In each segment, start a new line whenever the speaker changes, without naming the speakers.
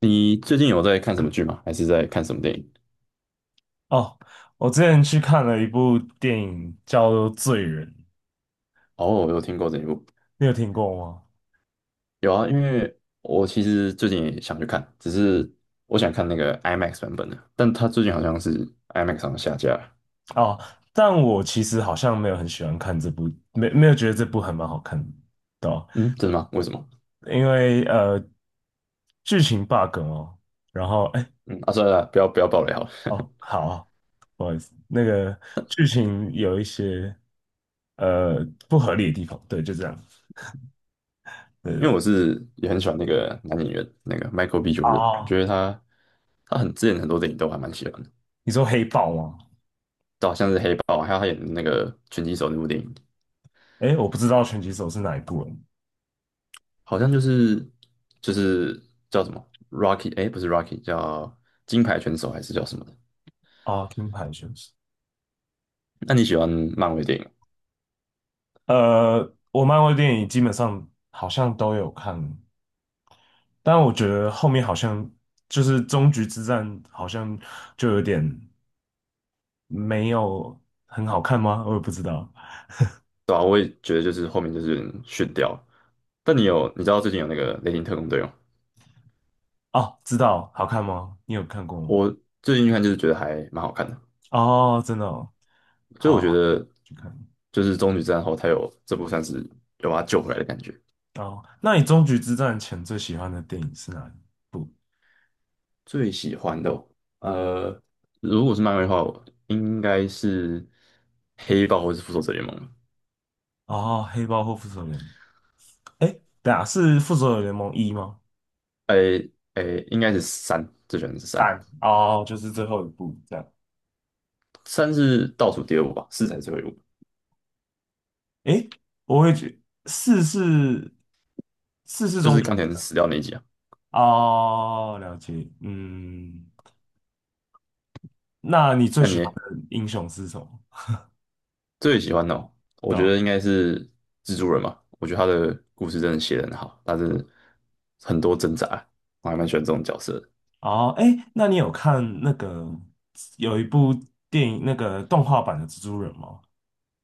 你最近有在看什么剧吗？还是在看什么电影？
哦，我之前去看了一部电影叫做《罪人》，
哦，我有听过这一部，
你有听过吗？
有啊，因为我其实最近也想去看，只是我想看那个 IMAX 版本的，但它最近好像是 IMAX 上下架了。
哦，但我其实好像没有很喜欢看这部，没有觉得这部还蛮好看的哦，
嗯，真的吗？为什么？
对啊因为剧情 bug 哦，然后哎
嗯，啊，算了啦，不要爆雷好了，
哦好啊，不好意思，那个剧情有一些不合理的地方，对，就这样，对对
因为
对。
我是也很喜欢那个男演员，那个 Michael B. Jordan，我
啊，
觉得他很之前很多电影都还蛮喜欢的，
你说黑豹吗？
就好像是黑豹，还有他演的那个拳击手那部电影，
哎，我不知道拳击手是哪一部人
好像就是就是叫什么 Rocky，哎，不是 Rocky，叫金牌拳手还是叫什么的？
啊，金牌选手。
那你喜欢漫威电影吗
我漫威电影基本上好像都有看，但我觉得后面好像就是终局之战，好像就有点没有很好看吗？我也不知道。
对啊，我也觉得就是后面就是有点逊掉了但你知道最近有那个《雷霆特工队》吗？
哦，知道，好看吗？你有看过吗？
我最近看就是觉得还蛮好看的，
哦，真的哦，
就是我觉
好，
得
去看。
就是终局之战后，他有这部算是有把他救回来的感觉。
哦，那你终局之战前最喜欢的电影是哪一部？
最喜欢的哦呃，如果是漫威的话，我应该是黑豹或是复仇者联盟。
哦，黑豹或复仇者联盟？哎，等下是复仇者联盟一吗？
诶诶，应该是三，这选的是三，
蛋哦，就是最后一部这样。
三是倒数第二部吧，四才是最后一部，
诶，我会觉四是
就
中
是
学
钢铁
生
人
的。
死掉那一集啊。
哦，了解，嗯，那你最
那你
喜
呢
欢的英雄是什么？
最喜欢的哦？我
对
觉
吧。
得应该是蜘蛛人嘛，我觉得他的故事真的写得很好，但是很多挣扎，我还蛮喜欢这种角色的
哦，诶，那你有看那个有一部电影那个动画版的蜘蛛人吗？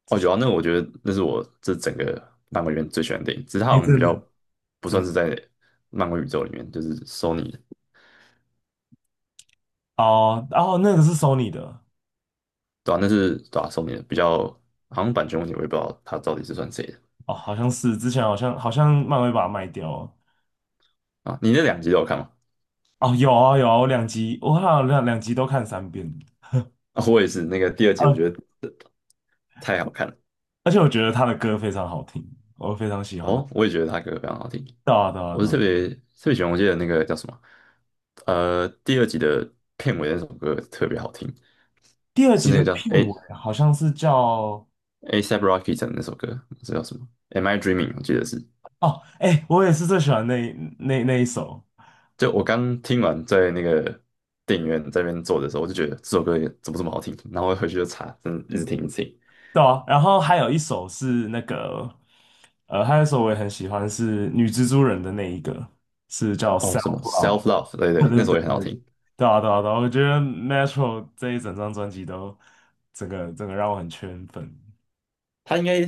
哦，有啊，那我觉得那是我这整个漫威里面最喜欢的电影，只是它
哎，
好像比
真
较
的，
不
真
算是
的
在漫威宇宙里面，就是 Sony 的，
哦，然后那个是 Sony 的。
对啊，那是对啊 SO 的比较，好像版权问题，我也不知道他到底是算谁的
哦，好像是之前好像漫威把它卖掉了。
啊。你那两集都有看吗？
哦，有啊有啊，我两集我好像两集都看三遍，
啊，我也是，那个第二集我
呃，
觉得太好看了。
而且我觉得他的歌非常好听，我非常喜欢。他。
哦，我也觉得他歌非常好听。
到到
我是特
到，
别特别喜欢，我记得那个叫什么，第二集的片尾那首歌特别好听，
第二
是
集
那个
的
叫
片 尾好像是叫。
ASAP Rocky 的那首歌，这叫什么？Am I Dreaming？我记得是。
哦，哎，我也是最喜欢那那一首，
就我刚听完，在那个电影院这边坐的时候，我就觉得这首歌也怎么这么好听，然后我回去就查，真的一直听一直听。
对啊，然后还有一首是那个，还有一首我也很喜欢是女蜘蛛人的那一个，是叫
哦，
Self
什么 Self
Love，
Love？对
对
对，
对
那
对
首也很好
对对，
听。
对啊对啊对啊我觉得 m e t r o 这一整张专辑都整个让我很圈粉，
他应该，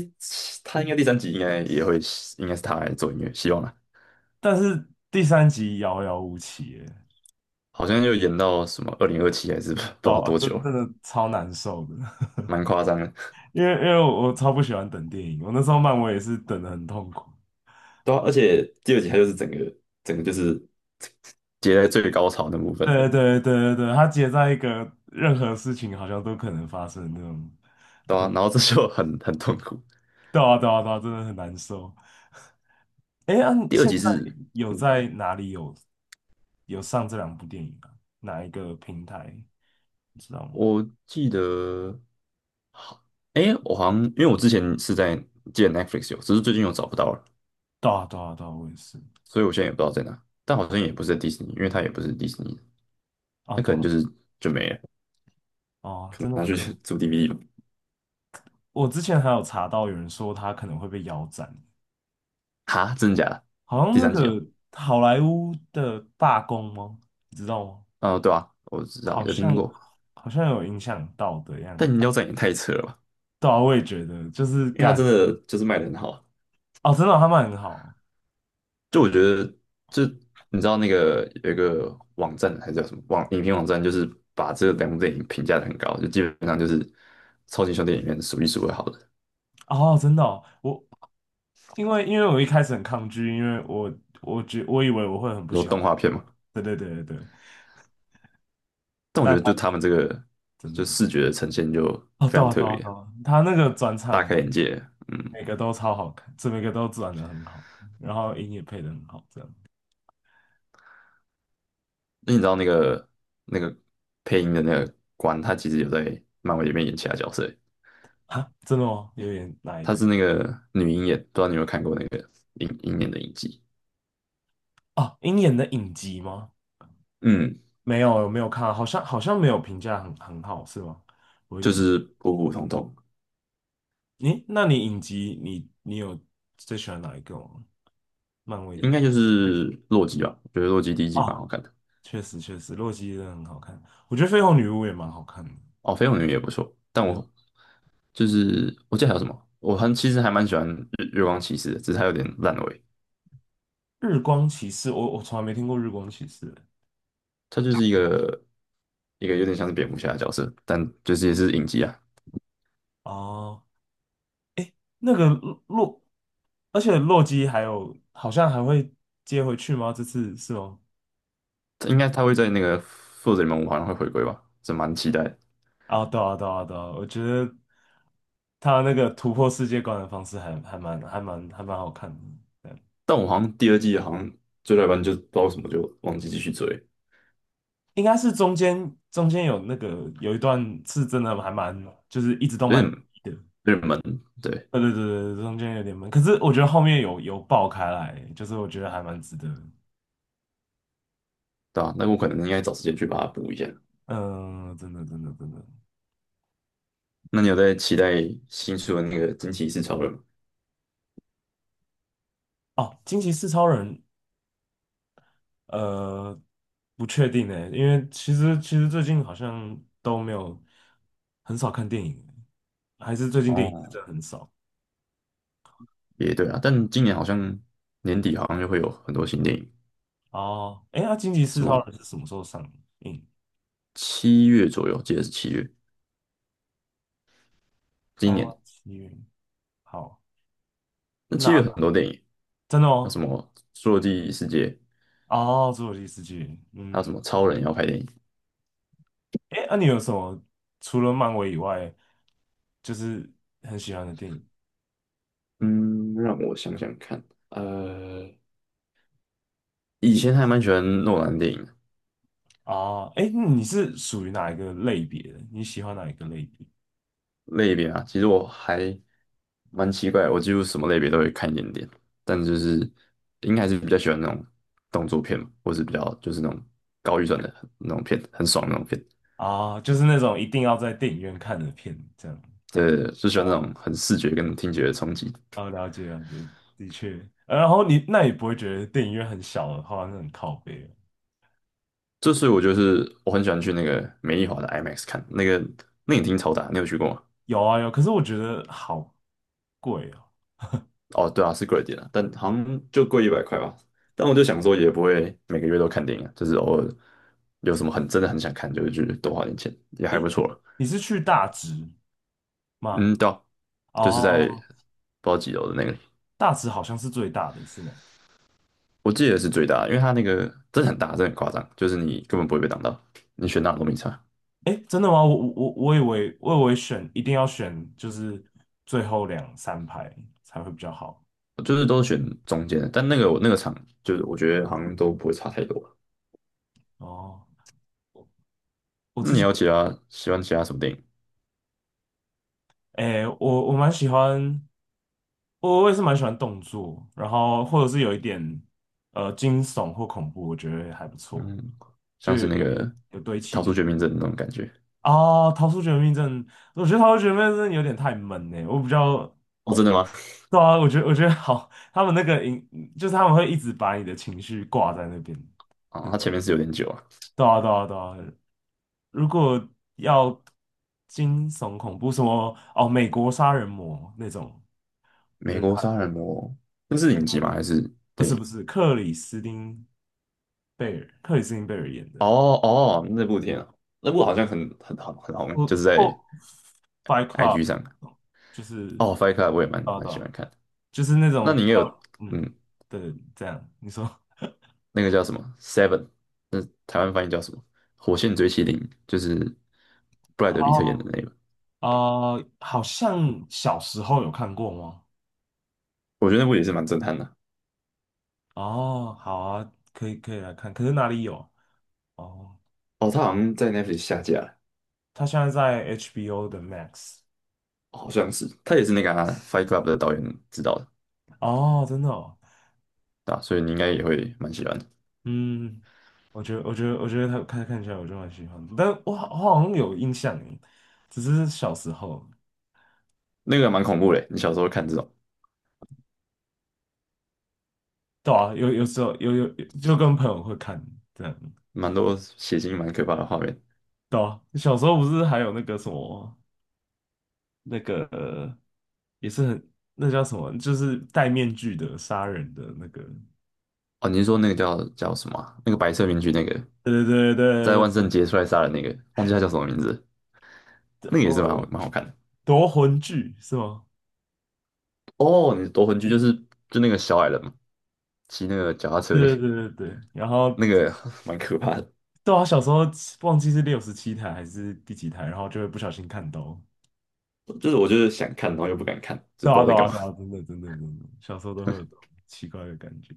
他应该第三集应该也会，应该是他来做音乐，希望啦。
但是第三集遥遥无期耶，
好像又延到什么2027还是 不知道
哦，
多
真
久
真
了
的超难受的，
蛮夸张的。
因为我超不喜欢等电影，我那时候漫威也是等的很痛苦。
对啊，而且第二集它就是整个整个就是接在最高潮那部分，
对对对对对，它结在一个任何事情好像都可能发生的那种。
对啊，然后这就很痛苦。
对啊对啊对啊，真的很难受。哎，啊，你
第二
现
集
在
是，
有
嗯，
在哪里有上这两部电影啊？哪一个平台？你知道吗？
我记得好，哎，我好像因为我之前是在记得 Netflix 有，只是最近又找不到了，
对啊对啊对啊，我也是。
所以我现在也不知道在哪。但好像也不是在迪士尼，因为它也不是迪士尼，
啊
那可
对
能
啊，
就是就没了，
哦，真的
拿
很
去
可爱。
租 DVD 吧。
我之前还有查到有人说他可能会被腰斩，
哈，真的假的？
好像
第
那
三集哦，
个好莱坞的罢工吗？你知道吗？
哦，对啊，我知道，
好
有听
像
过。
好像有影响到的样
但饮
子。
料站也太扯了吧？
对啊，我也觉得，就是
因为它真
干。
的就是卖的很好，
哦，真的哦他们很好。
就我觉得，就你知道那个有一个网站还是叫什么网影评网站，就是把这两部电影评价的很高，就基本上就是超级兄弟里面数一数二好的，
哦，真的哦我因为我一开始很抗拒，因为我我以为我会很不
然后
喜欢，
动画片嘛。
对对对对对，
但我觉
但
得就
他
他们这个
真的。
就视觉的呈现就
哦，
非
对
常
啊
特
对啊
别，
对啊，他那个转
大
场
开眼界。嗯，
每个都超好看，这每个都转的很好，然后音也配的很好，这样。
那你知道那个配音的那个官，他其实有在漫威里面演其他角色欸，
啊，真的吗？有点哪一
他
个。
是那个女鹰眼，不知道你有没有看过那个鹰眼的影集？
哦，鹰眼的影集吗？
嗯，
没有，我没有看啊，好像没有评价很好，是吗？有
就
点不，
是普普通通，
诶，那你影集你有最喜欢哪一个吗？漫威的
应该
影。
就是洛基吧。我觉得洛基第一季蛮
哦，
好看的，
确实确实，洛基真的很好看，我觉得绯红女巫也蛮好看的。
哦，绯红女也不错。但
对。
我就是我记得还有什么，我很其实还蛮喜欢月光骑士的，只是它有点烂尾。
日光骑士，我从来没听过日光骑士欸。
它就是一个有点像是蝙蝠侠的角色，但就是也是影集啊。
哦，那个洛，而且洛基还有好像还会接回去吗？这次是吗？
应该它会在那个复仇者联盟5好像会回归吧，这蛮期待的
啊，对啊，对啊，对啊，我觉得他那个突破世界观的方式还蛮好看的。
但我好像第二季好像追到一半就不知道为什么就忘记继续追，
应该是中间有那个有一段是真的还蛮，就是一直都
有
蛮
点
低的。
有点闷，对
对对对对，中间有点闷，可是我觉得后面有爆开来，就是我觉得还蛮值得。
对吧、啊？那我可能应该找时间去把它补一下。
嗯，真的真的真的。
那你有在期待新书的那个惊奇四超人吗？
哦，惊奇四超人，呃，不确定呢，因为其实最近好像都没有很少看电影欸，还是最近电影是
哦，
真的很少。
也对啊，但今年好像年底好像就会有很多新电影，
哦，哎，那惊奇四
什
超
么
人是什么时候上映？
七月左右，记得是七月，今年
哦，七月，好，
那七月很
那
多电影，
真的
那什
哦。
么《侏罗纪世界》，
哦，侏罗纪世界，
还有什
嗯，
么超人要拍电影。
哎，那、你有什么除了漫威以外，就是很喜欢的电影
嗯，让我想想看，呃，以前还蛮喜欢诺兰电影，
啊？哎、你是属于哪一个类别的？你喜欢哪一个类别
类别啊，其实我还蛮奇怪的我几乎什么类别都会看一点点，但就是应该还是比较喜欢那种动作片嘛，或是比较就是那种高预算的那种片，很爽的那种片。
啊？就是那种一定要在电影院看的片，这样。
对，就喜欢那
啊？
种很视觉跟听觉的冲击。
哦，了解了解，的确。然后你那也不会觉得电影院很小的话，那很靠背了。
这所以我就是我很喜欢去那个美丽华的 IMAX 看，那个那影厅超大，你有去过吗？
有啊有，可是我觉得好贵哦。
哦，对啊，是贵一点啊，但好像就贵100块吧。但我就想说，也不会每个月都看电影啊，就是偶尔有什么很真的很想看，就会去多花点钱，也还
哎，
不错啊
你是去大直吗？
嗯，对啊就是在
哦，
不知道几楼的那个里
大直好像是最大的，是吗？
我记得是最大的因为它那个真的很大，真的很夸张，就是你根本不会被挡到，你选哪都没差，
哎，真的吗？我以为选一定要选就是最后两三排才会比较好。
就是都选中间的，但那个我那个场就是我觉得好像都不会差太多。
哦。我
那
之
你
前
要其他喜欢其他什么电影？
哎，我蛮喜欢，我也是蛮喜欢动作，然后或者是有一点惊悚或恐怖，我觉得还不错，
嗯，
就
像
有
是那
有
个
有有堆
《逃
气
出
氛。
绝命镇》那种感觉。
哦。逃出绝命镇，我觉得逃出绝命镇有点太闷呢，我比较。
哦，真的吗？
对啊，我觉得好，他们那个影就是他们会一直把你的情绪挂在那边。
啊、它前面是有点久啊。
对啊，对啊，对啊。如果要惊悚恐怖，什么哦，美国杀人魔那种，我
美
觉得
国
还
杀人魔，那是影集吗？还是
不
电
是不
影？
是克里斯汀贝尔，克里斯汀贝尔演的，
哦哦，那部电影啊，那部好像很红，
我
就是
哦
在
，Fight
IG
Club，
上。
就是。
哦，Fight Club 我也蛮
啊
蛮
对
喜
啊，
欢看的。
就是那
那
种
你
比
也
较
有
嗯，
嗯，
对，这样你说。
那个叫什么 Seven，台湾翻译叫什么？《火线追妻令》，就是布莱德比特演的
哦
那个，
好像小时候有看过吗？
我觉得那部也是蛮震撼的。
哦，好啊，可以可以来看，可是哪里有？哦。
哦，他好像在 Netflix 下架了，
他现在在 HBO 的 Max。
好像是，他也是那个啊 Fight Club 的导演指导的，
哦，真的哦，
对吧？所以你应该也会蛮喜欢的。
嗯，我觉得他看看起来我就蛮喜欢的，但我好像有印象耶，只是小时候，
那个蛮恐怖的，你小时候看这种
对啊，有时候就跟朋友会看这样，
蛮多血腥、蛮可怕的画面。
对啊，小时候不是还有那个什么那个也是很那叫什么，就是戴面具的杀人的那个，
哦，你是说那个叫什么啊那个白色面具，那个
对对对
在
对
万
对
圣
对，
节出来杀人那个，忘记他叫什么名字了那个也是
我
蛮好看的。
夺魂锯是吗？
哦，你是夺魂锯就那个小矮人嘛，骑那个脚踏车那个
对对对对对，然后
那个 蛮可怕的，
对啊，小时候忘记是67台还是第几台，然后就会不小心看到。
就是我就是想看，然后又不敢看，就
对
不知
啊，
道
对
在干
啊，
嘛。
对啊，真的，真的，真的，小时候都会有这种奇怪的感觉。